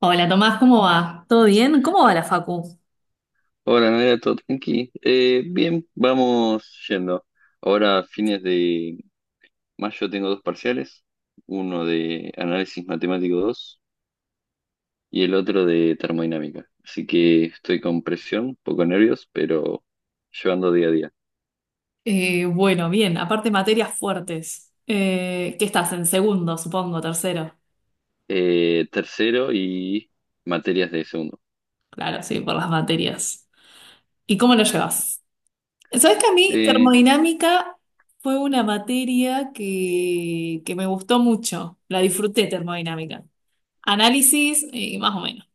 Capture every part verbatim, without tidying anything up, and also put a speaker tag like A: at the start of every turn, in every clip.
A: Hola Tomás, ¿cómo va? ¿Todo bien? ¿Cómo va la facu?
B: Hola, Nadia, todo tranqui. Eh, bien, vamos yendo. Ahora, a fines de mayo, tengo dos parciales: uno de análisis matemático dos y el otro de termodinámica. Así que estoy con presión, poco nervios, pero llevando día a día.
A: Eh, bueno, bien, aparte materias fuertes. Eh, ¿qué estás? En segundo, supongo, tercero.
B: Eh, tercero y materias de segundo.
A: Claro, sí, por las materias. ¿Y cómo lo llevas? Sabes que a mí
B: Eh,
A: termodinámica fue una materia que, que me gustó mucho. La disfruté termodinámica. Análisis, eh, más o menos.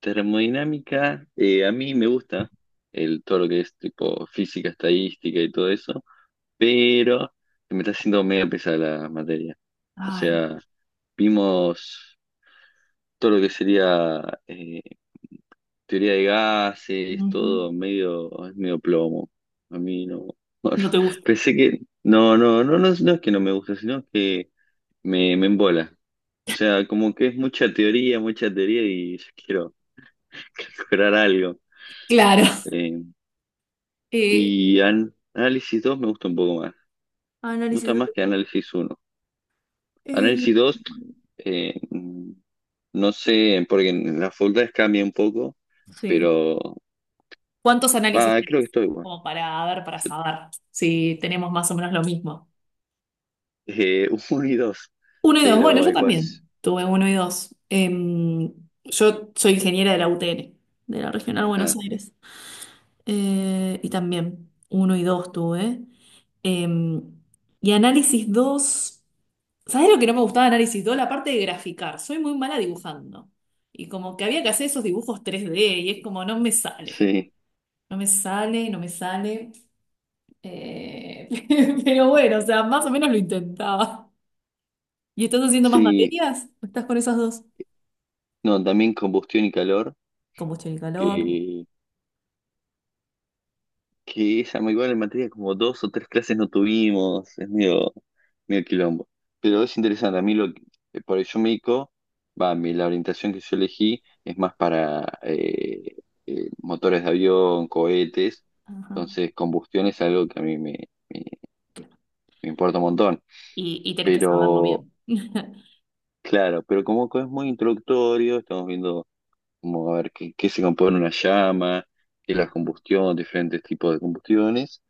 B: Termodinámica, eh, a mí me gusta el, todo lo que es tipo física, estadística y todo eso, pero me está haciendo medio pesada la materia. O
A: Ay,
B: sea, vimos todo lo que sería, eh, teoría de gases,
A: ujú.
B: todo medio, es medio plomo. A mí no. Bueno,
A: No te gusta.
B: pensé que. No, no, no, no, no es que no me gusta, sino que me, me embola. O sea, como que es mucha teoría, mucha teoría y yo quiero lograr algo.
A: Claro.
B: Eh,
A: Eh,
B: y an- Análisis dos me gusta un poco más. Me gusta
A: Análisis.
B: más que análisis uno.
A: eh,
B: Análisis dos, eh, no sé, porque en las facultades cambia un poco,
A: Sí.
B: pero
A: ¿Cuántos análisis
B: va,
A: tenés?
B: creo que estoy igual.
A: Como para, a ver, para
B: Yo,
A: saber si tenemos más o menos lo mismo.
B: eh, uno y dos,
A: Uno y dos. Bueno,
B: pero
A: yo también
B: ecuación.
A: tuve uno y dos. Em, yo soy ingeniera de la U T N, de la Regional Buenos
B: Ah,
A: Aires. Eh, y también uno y dos tuve. Em, y análisis dos. ¿Sabés lo que no me gustaba de análisis dos? La parte de graficar. Soy muy mala dibujando. Y como que había que hacer esos dibujos tres d y es como no me sale.
B: sí,
A: No me sale, no me sale. Eh, pero bueno, o sea, más o menos lo intentaba. ¿Y estás haciendo más
B: sí,
A: materias? ¿O estás con esas dos?
B: no, también combustión y calor,
A: Combustión y calor.
B: que que ella muy igual en materia, como dos o tres clases no tuvimos, es medio, medio quilombo. Pero es interesante, a mí lo que, eh, por eso me dedico, va, mi- la orientación que yo elegí es más para eh, eh, motores de avión, cohetes,
A: Ajá,
B: entonces combustión es algo que a mí me, me
A: claro.
B: me importa un montón.
A: Y, y tenés que saberlo
B: Pero,
A: bien.
B: claro, pero como que es muy introductorio, estamos viendo como a ver qué, qué se compone una llama, qué es la
A: Claro.
B: combustión, diferentes tipos de combustiones.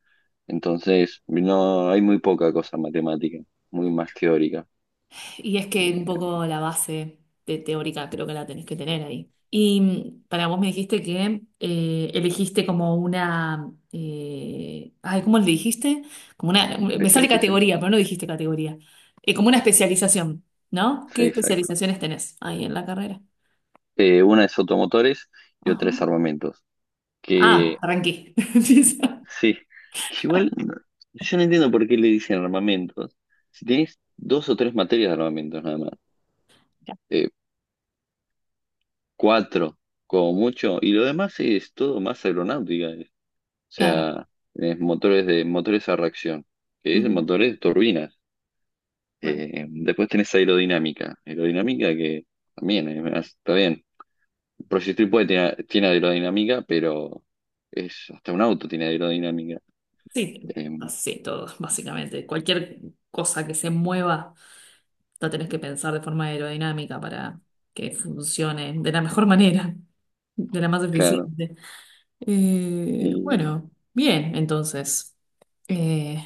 B: Entonces, no hay muy poca cosa matemática, muy más teórica.
A: Y es
B: Eh,
A: que un poco la base de teórica creo que la tenés que tener ahí. Y mm, para vos me dijiste que eh, elegiste como una... eh, ay, ¿cómo le dijiste? Como una... Me sale
B: Especialización.
A: categoría, pero no dijiste categoría. Eh, como una especialización, ¿no?
B: Sí,
A: ¿Qué
B: exacto.
A: especializaciones tenés ahí en la carrera?
B: Eh, una es automotores y
A: Ajá.
B: otra es armamentos.
A: Ah,
B: Que
A: arranqué. Empieza.
B: sí, que igual no- yo no entiendo por qué le dicen armamentos. Si tenés dos o tres materias de armamentos nada más, eh, cuatro como mucho, y lo demás es todo más aeronáutica. Eh. O
A: Claro.
B: sea, tenés motores de motores a reacción, que es
A: Ujú.
B: motores de turbinas.
A: Claro.
B: Eh, después tenés aerodinámica. Aerodinámica que también, eh, está bien. El Project puede tiene, tiene aerodinámica, pero es hasta un auto tiene aerodinámica.
A: Sí,
B: Eh,
A: sí, todo, básicamente. Cualquier cosa que se mueva, la tenés que pensar de forma aerodinámica para que funcione de la mejor manera, de la más
B: claro.
A: eficiente. Eh,
B: Y
A: bueno, bien, entonces. Eh,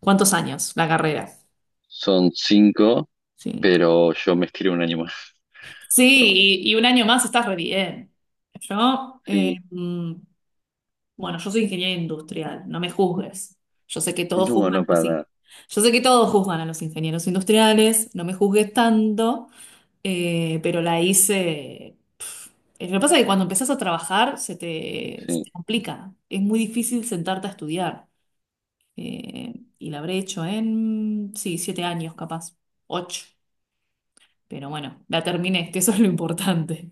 A: ¿Cuántos años la carrera?
B: son cinco,
A: Cinco.
B: pero yo me estiro un año más.
A: Sí,
B: Pero,
A: y, y un año más estás re bien. Yo, eh,
B: sí.
A: mm, Bueno, yo soy ingeniero industrial, no me juzgues. Yo sé que todos
B: No, no
A: juzgan
B: para
A: así.
B: nada.
A: Yo sé que todos juzgan a los ingenieros industriales, no me juzgues tanto, eh, pero la hice. Pf. Eh, Lo que pasa es que cuando empezás a trabajar se te, se te
B: Sí,
A: complica. Es muy difícil sentarte a estudiar. Eh, y la habré hecho en, sí, siete años capaz, ocho. Pero bueno, la terminé, que eso es lo importante.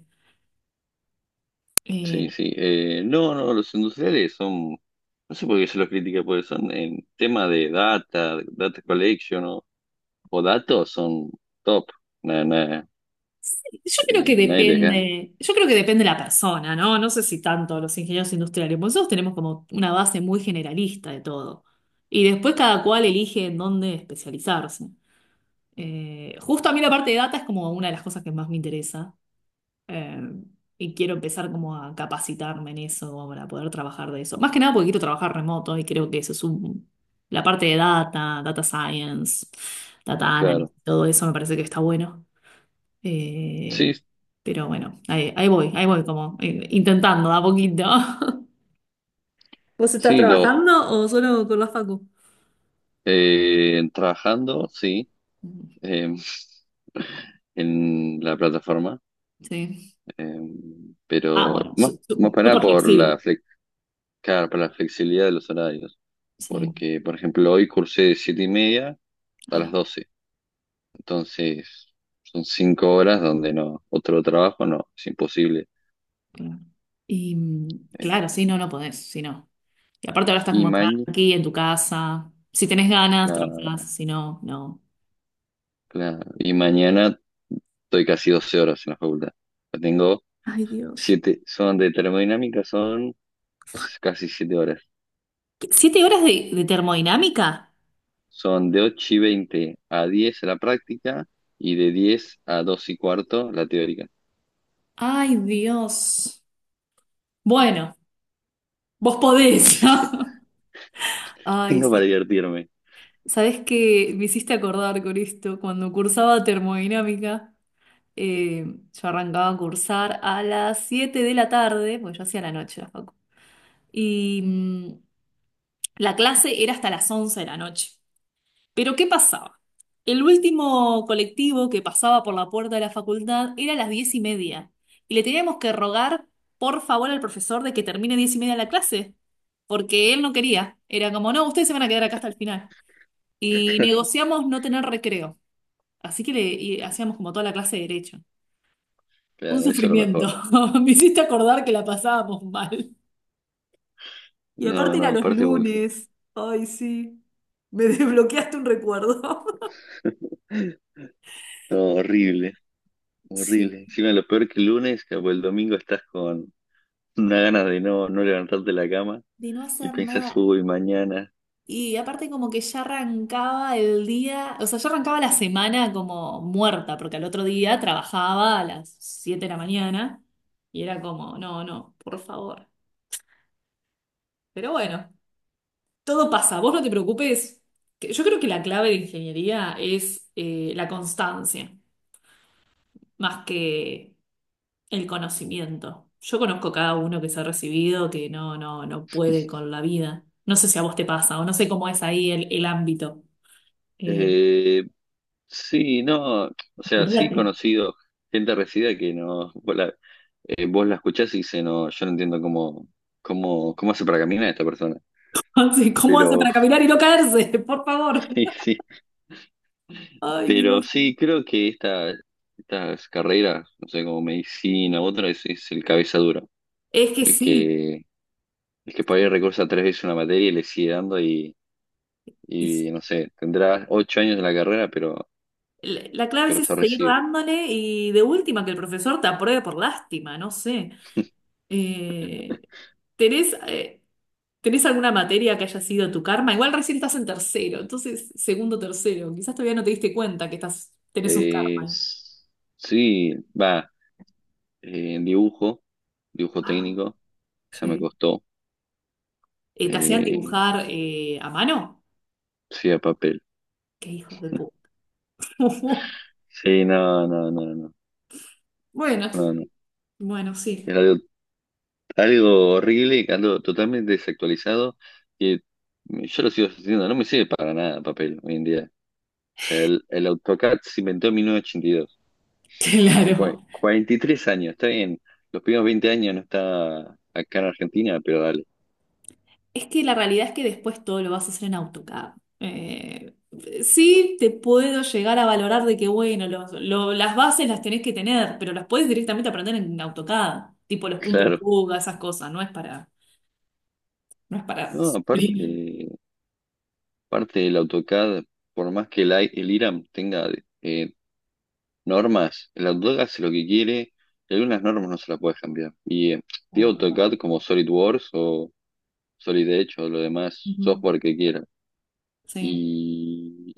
B: sí,
A: Eh,
B: sí. Eh, no, no, los industriales son. No sé por qué se los critica, porque son en tema de data, data collection o, o datos, son top. Nada,
A: Yo creo que
B: Eh, nadie les gana,
A: depende, yo creo que depende de la persona, ¿no? No sé si tanto los ingenieros industriales, porque nosotros tenemos como una base muy generalista de todo. Y después cada cual elige en dónde especializarse. Eh, justo a mí la parte de data es como una de las cosas que más me interesa. eh, y quiero empezar como a capacitarme en eso para poder trabajar de eso. Más que nada porque quiero trabajar remoto y creo que eso es un, la parte de data, data science, data analysis,
B: claro.
A: todo eso me parece que está bueno. Eh,
B: Sí,
A: pero bueno, ahí, ahí voy, ahí voy como eh, intentando de a poquito. ¿Vos estás
B: sí, los
A: trabajando o solo con la facu?
B: eh, trabajando, sí, eh, en la plataforma,
A: Sí.
B: eh,
A: Ah,
B: pero
A: bueno,
B: más,
A: su-
B: más
A: su-
B: para nada
A: súper
B: por la
A: flexible.
B: flex, claro, por la flexibilidad de los horarios,
A: Sí.
B: porque, por ejemplo, hoy cursé de siete y media a las
A: Ay,
B: doce, entonces son cinco horas donde no, otro trabajo no, es imposible.
A: claro. Y mm,
B: Eh,
A: claro, sí, no, no podés, si no. Y aparte ahora estás
B: y,
A: como
B: mañana
A: tranqui en tu casa. Si tenés ganas, trabajás, si no, no.
B: y mañana estoy casi doce horas en la facultad. Tengo
A: Ay, Dios.
B: Siete, son de termodinámica, son casi siete horas.
A: ¿Qué? ¿Siete horas de, de termodinámica?
B: Son de ocho y veinte a diez la práctica y de diez a dos y cuarto la teórica.
A: Ay, Dios. Bueno, vos podés.
B: Así que
A: ¿No? Ay,
B: tengo para
A: sí.
B: divertirme.
A: ¿Sabes que me hiciste acordar con esto? Cuando cursaba termodinámica, eh, yo arrancaba a cursar a las siete de la tarde, pues yo hacía la noche la facu. Y mm, la clase era hasta las once de la noche. Pero ¿qué pasaba? El último colectivo que pasaba por la puerta de la facultad era a las diez y media. Y le teníamos que rogar, por favor, al profesor de que termine diez y media la clase. Porque él no quería. Era como, no, ustedes se van a quedar acá hasta el final. Y negociamos no tener recreo. Así que le y hacíamos como toda la clase de derecho. Un
B: Claro, eso es lo
A: sufrimiento.
B: mejor.
A: Me hiciste acordar que la pasábamos mal. Y
B: No,
A: aparte era
B: no,
A: los
B: aparte, boludo.
A: lunes. Ay, sí. Me desbloqueaste un recuerdo.
B: No, horrible,
A: Sí.
B: horrible. Encima lo peor que el lunes, que el domingo estás con una ganas de no, no levantarte de la cama
A: De no
B: y
A: hacer
B: pensás,
A: nada.
B: uy, mañana.
A: Y aparte como que ya arrancaba el día, o sea, ya arrancaba la semana como muerta, porque al otro día trabajaba a las siete de la mañana y era como, no, no, por favor. Pero bueno. Todo pasa, vos no te preocupes. Que- yo creo que la clave de ingeniería es eh, la constancia, más que el conocimiento. Yo conozco cada uno que se ha recibido que no, no, no puede con la vida. No sé si a vos te pasa o no sé cómo es ahí el, el ámbito. Eh,
B: Eh, sí, no, o
A: lo
B: sea,
A: que pasa
B: sí
A: es
B: he
A: que-
B: conocido gente resida que no, vos la, eh, vos la escuchás y dice, no, yo no entiendo cómo, cómo, cómo hace para caminar esta persona.
A: sí, ¿cómo hace
B: Pero
A: para caminar y no caerse? Por favor.
B: sí, sí,
A: Ay,
B: pero
A: Dios.
B: sí, creo que esta, estas carreras, no sé, como medicina u otra, es, es el cabeza dura,
A: Es que
B: el
A: sí.
B: que, el que por ahí recorsa tres veces una materia y le sigue dando y,
A: Es-
B: y no sé, tendrá ocho años en la carrera, pero,
A: la la clave es
B: pero se
A: eso, seguir
B: recibe.
A: dándole y de última que el profesor te apruebe por lástima, no sé. Eh, ¿Tenés, eh, tenés alguna materia que haya sido tu karma? Igual recién estás en tercero, entonces segundo, tercero. Quizás todavía no te diste cuenta que estás, tenés un
B: Eh,
A: karma.
B: s- sí, va, eh, en dibujo, dibujo
A: Ah,
B: técnico, esa me
A: sí.
B: costó.
A: Eh, ¿te hacían
B: Eh,
A: dibujar eh, a mano?
B: sí, a papel.
A: Qué hijos de puta.
B: Sí, no, no, no, no,
A: Bueno,
B: no, no.
A: bueno, sí.
B: Era algo, algo horrible y algo totalmente desactualizado que yo lo sigo haciendo, no me sirve para nada papel hoy en día. O sea, el, el AutoCAD se inventó en mil novecientos ochenta y dos. Yo cua-
A: Claro.
B: cuarenta y tres años, está bien. Los primeros veinte años no está acá en Argentina, pero dale.
A: Es que la realidad es que después todo lo vas a hacer en AutoCAD. Eh, sí, te puedo llegar a valorar de que, bueno, los- lo- las bases las tenés que tener, pero las puedes directamente aprender en AutoCAD, tipo los puntos de
B: Claro.
A: fuga, esas cosas, no es para, no es para
B: No,
A: sufrir.
B: aparte. Parte del AutoCAD, por más que el, I- el I R A M tenga, eh, normas, el AutoCAD hace lo que quiere y algunas normas no se las puedes cambiar. Y eh, tiene
A: Claro, claro.
B: AutoCAD como SolidWorks o Solid Edge o lo demás
A: Ujú,
B: software que quiera.
A: sí,
B: Y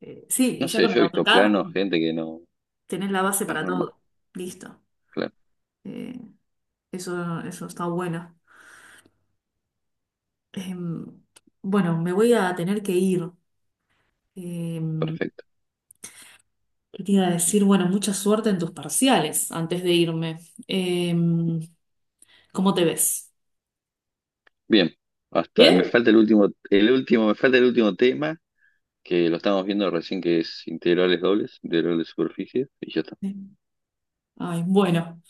A: Eh, sí, y
B: no
A: ya
B: sé,
A: con
B: yo
A: el
B: he visto
A: AutoCAD
B: planos, gente que no.
A: tenés la base
B: Las
A: para
B: normas,
A: todo. Listo.
B: claro,
A: Eh, eso, eso está bueno. Em, bueno, me voy a tener que ir. Em,
B: perfecto.
A: ¿Qué te iba a decir? Bueno, mucha suerte en tus parciales antes de irme. Em, ¿Cómo te ves?
B: Bien, hasta me
A: ¿Bien?
B: falta el último, el último, me falta el último tema, que lo estamos viendo recién, que es integrales dobles, integral de superficie, y ya está.
A: Sí. Ay, bueno.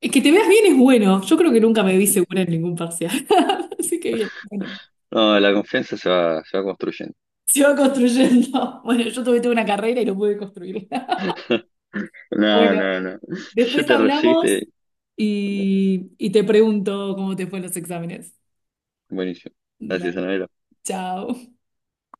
A: Es que te veas bien es bueno. Yo creo que nunca me vi segura en ningún parcial. Así que bien. Bueno,
B: No, la confianza se va, se va construyendo.
A: se va construyendo. Bueno, yo tuve, tuve una carrera y no pude construirla.
B: No,
A: Bueno,
B: no, no. Yo
A: después
B: te recibiste.
A: hablamos y, y te pregunto cómo te fue en los exámenes.
B: Buenísimo. Gracias,
A: Dale,
B: Anabel.
A: chao.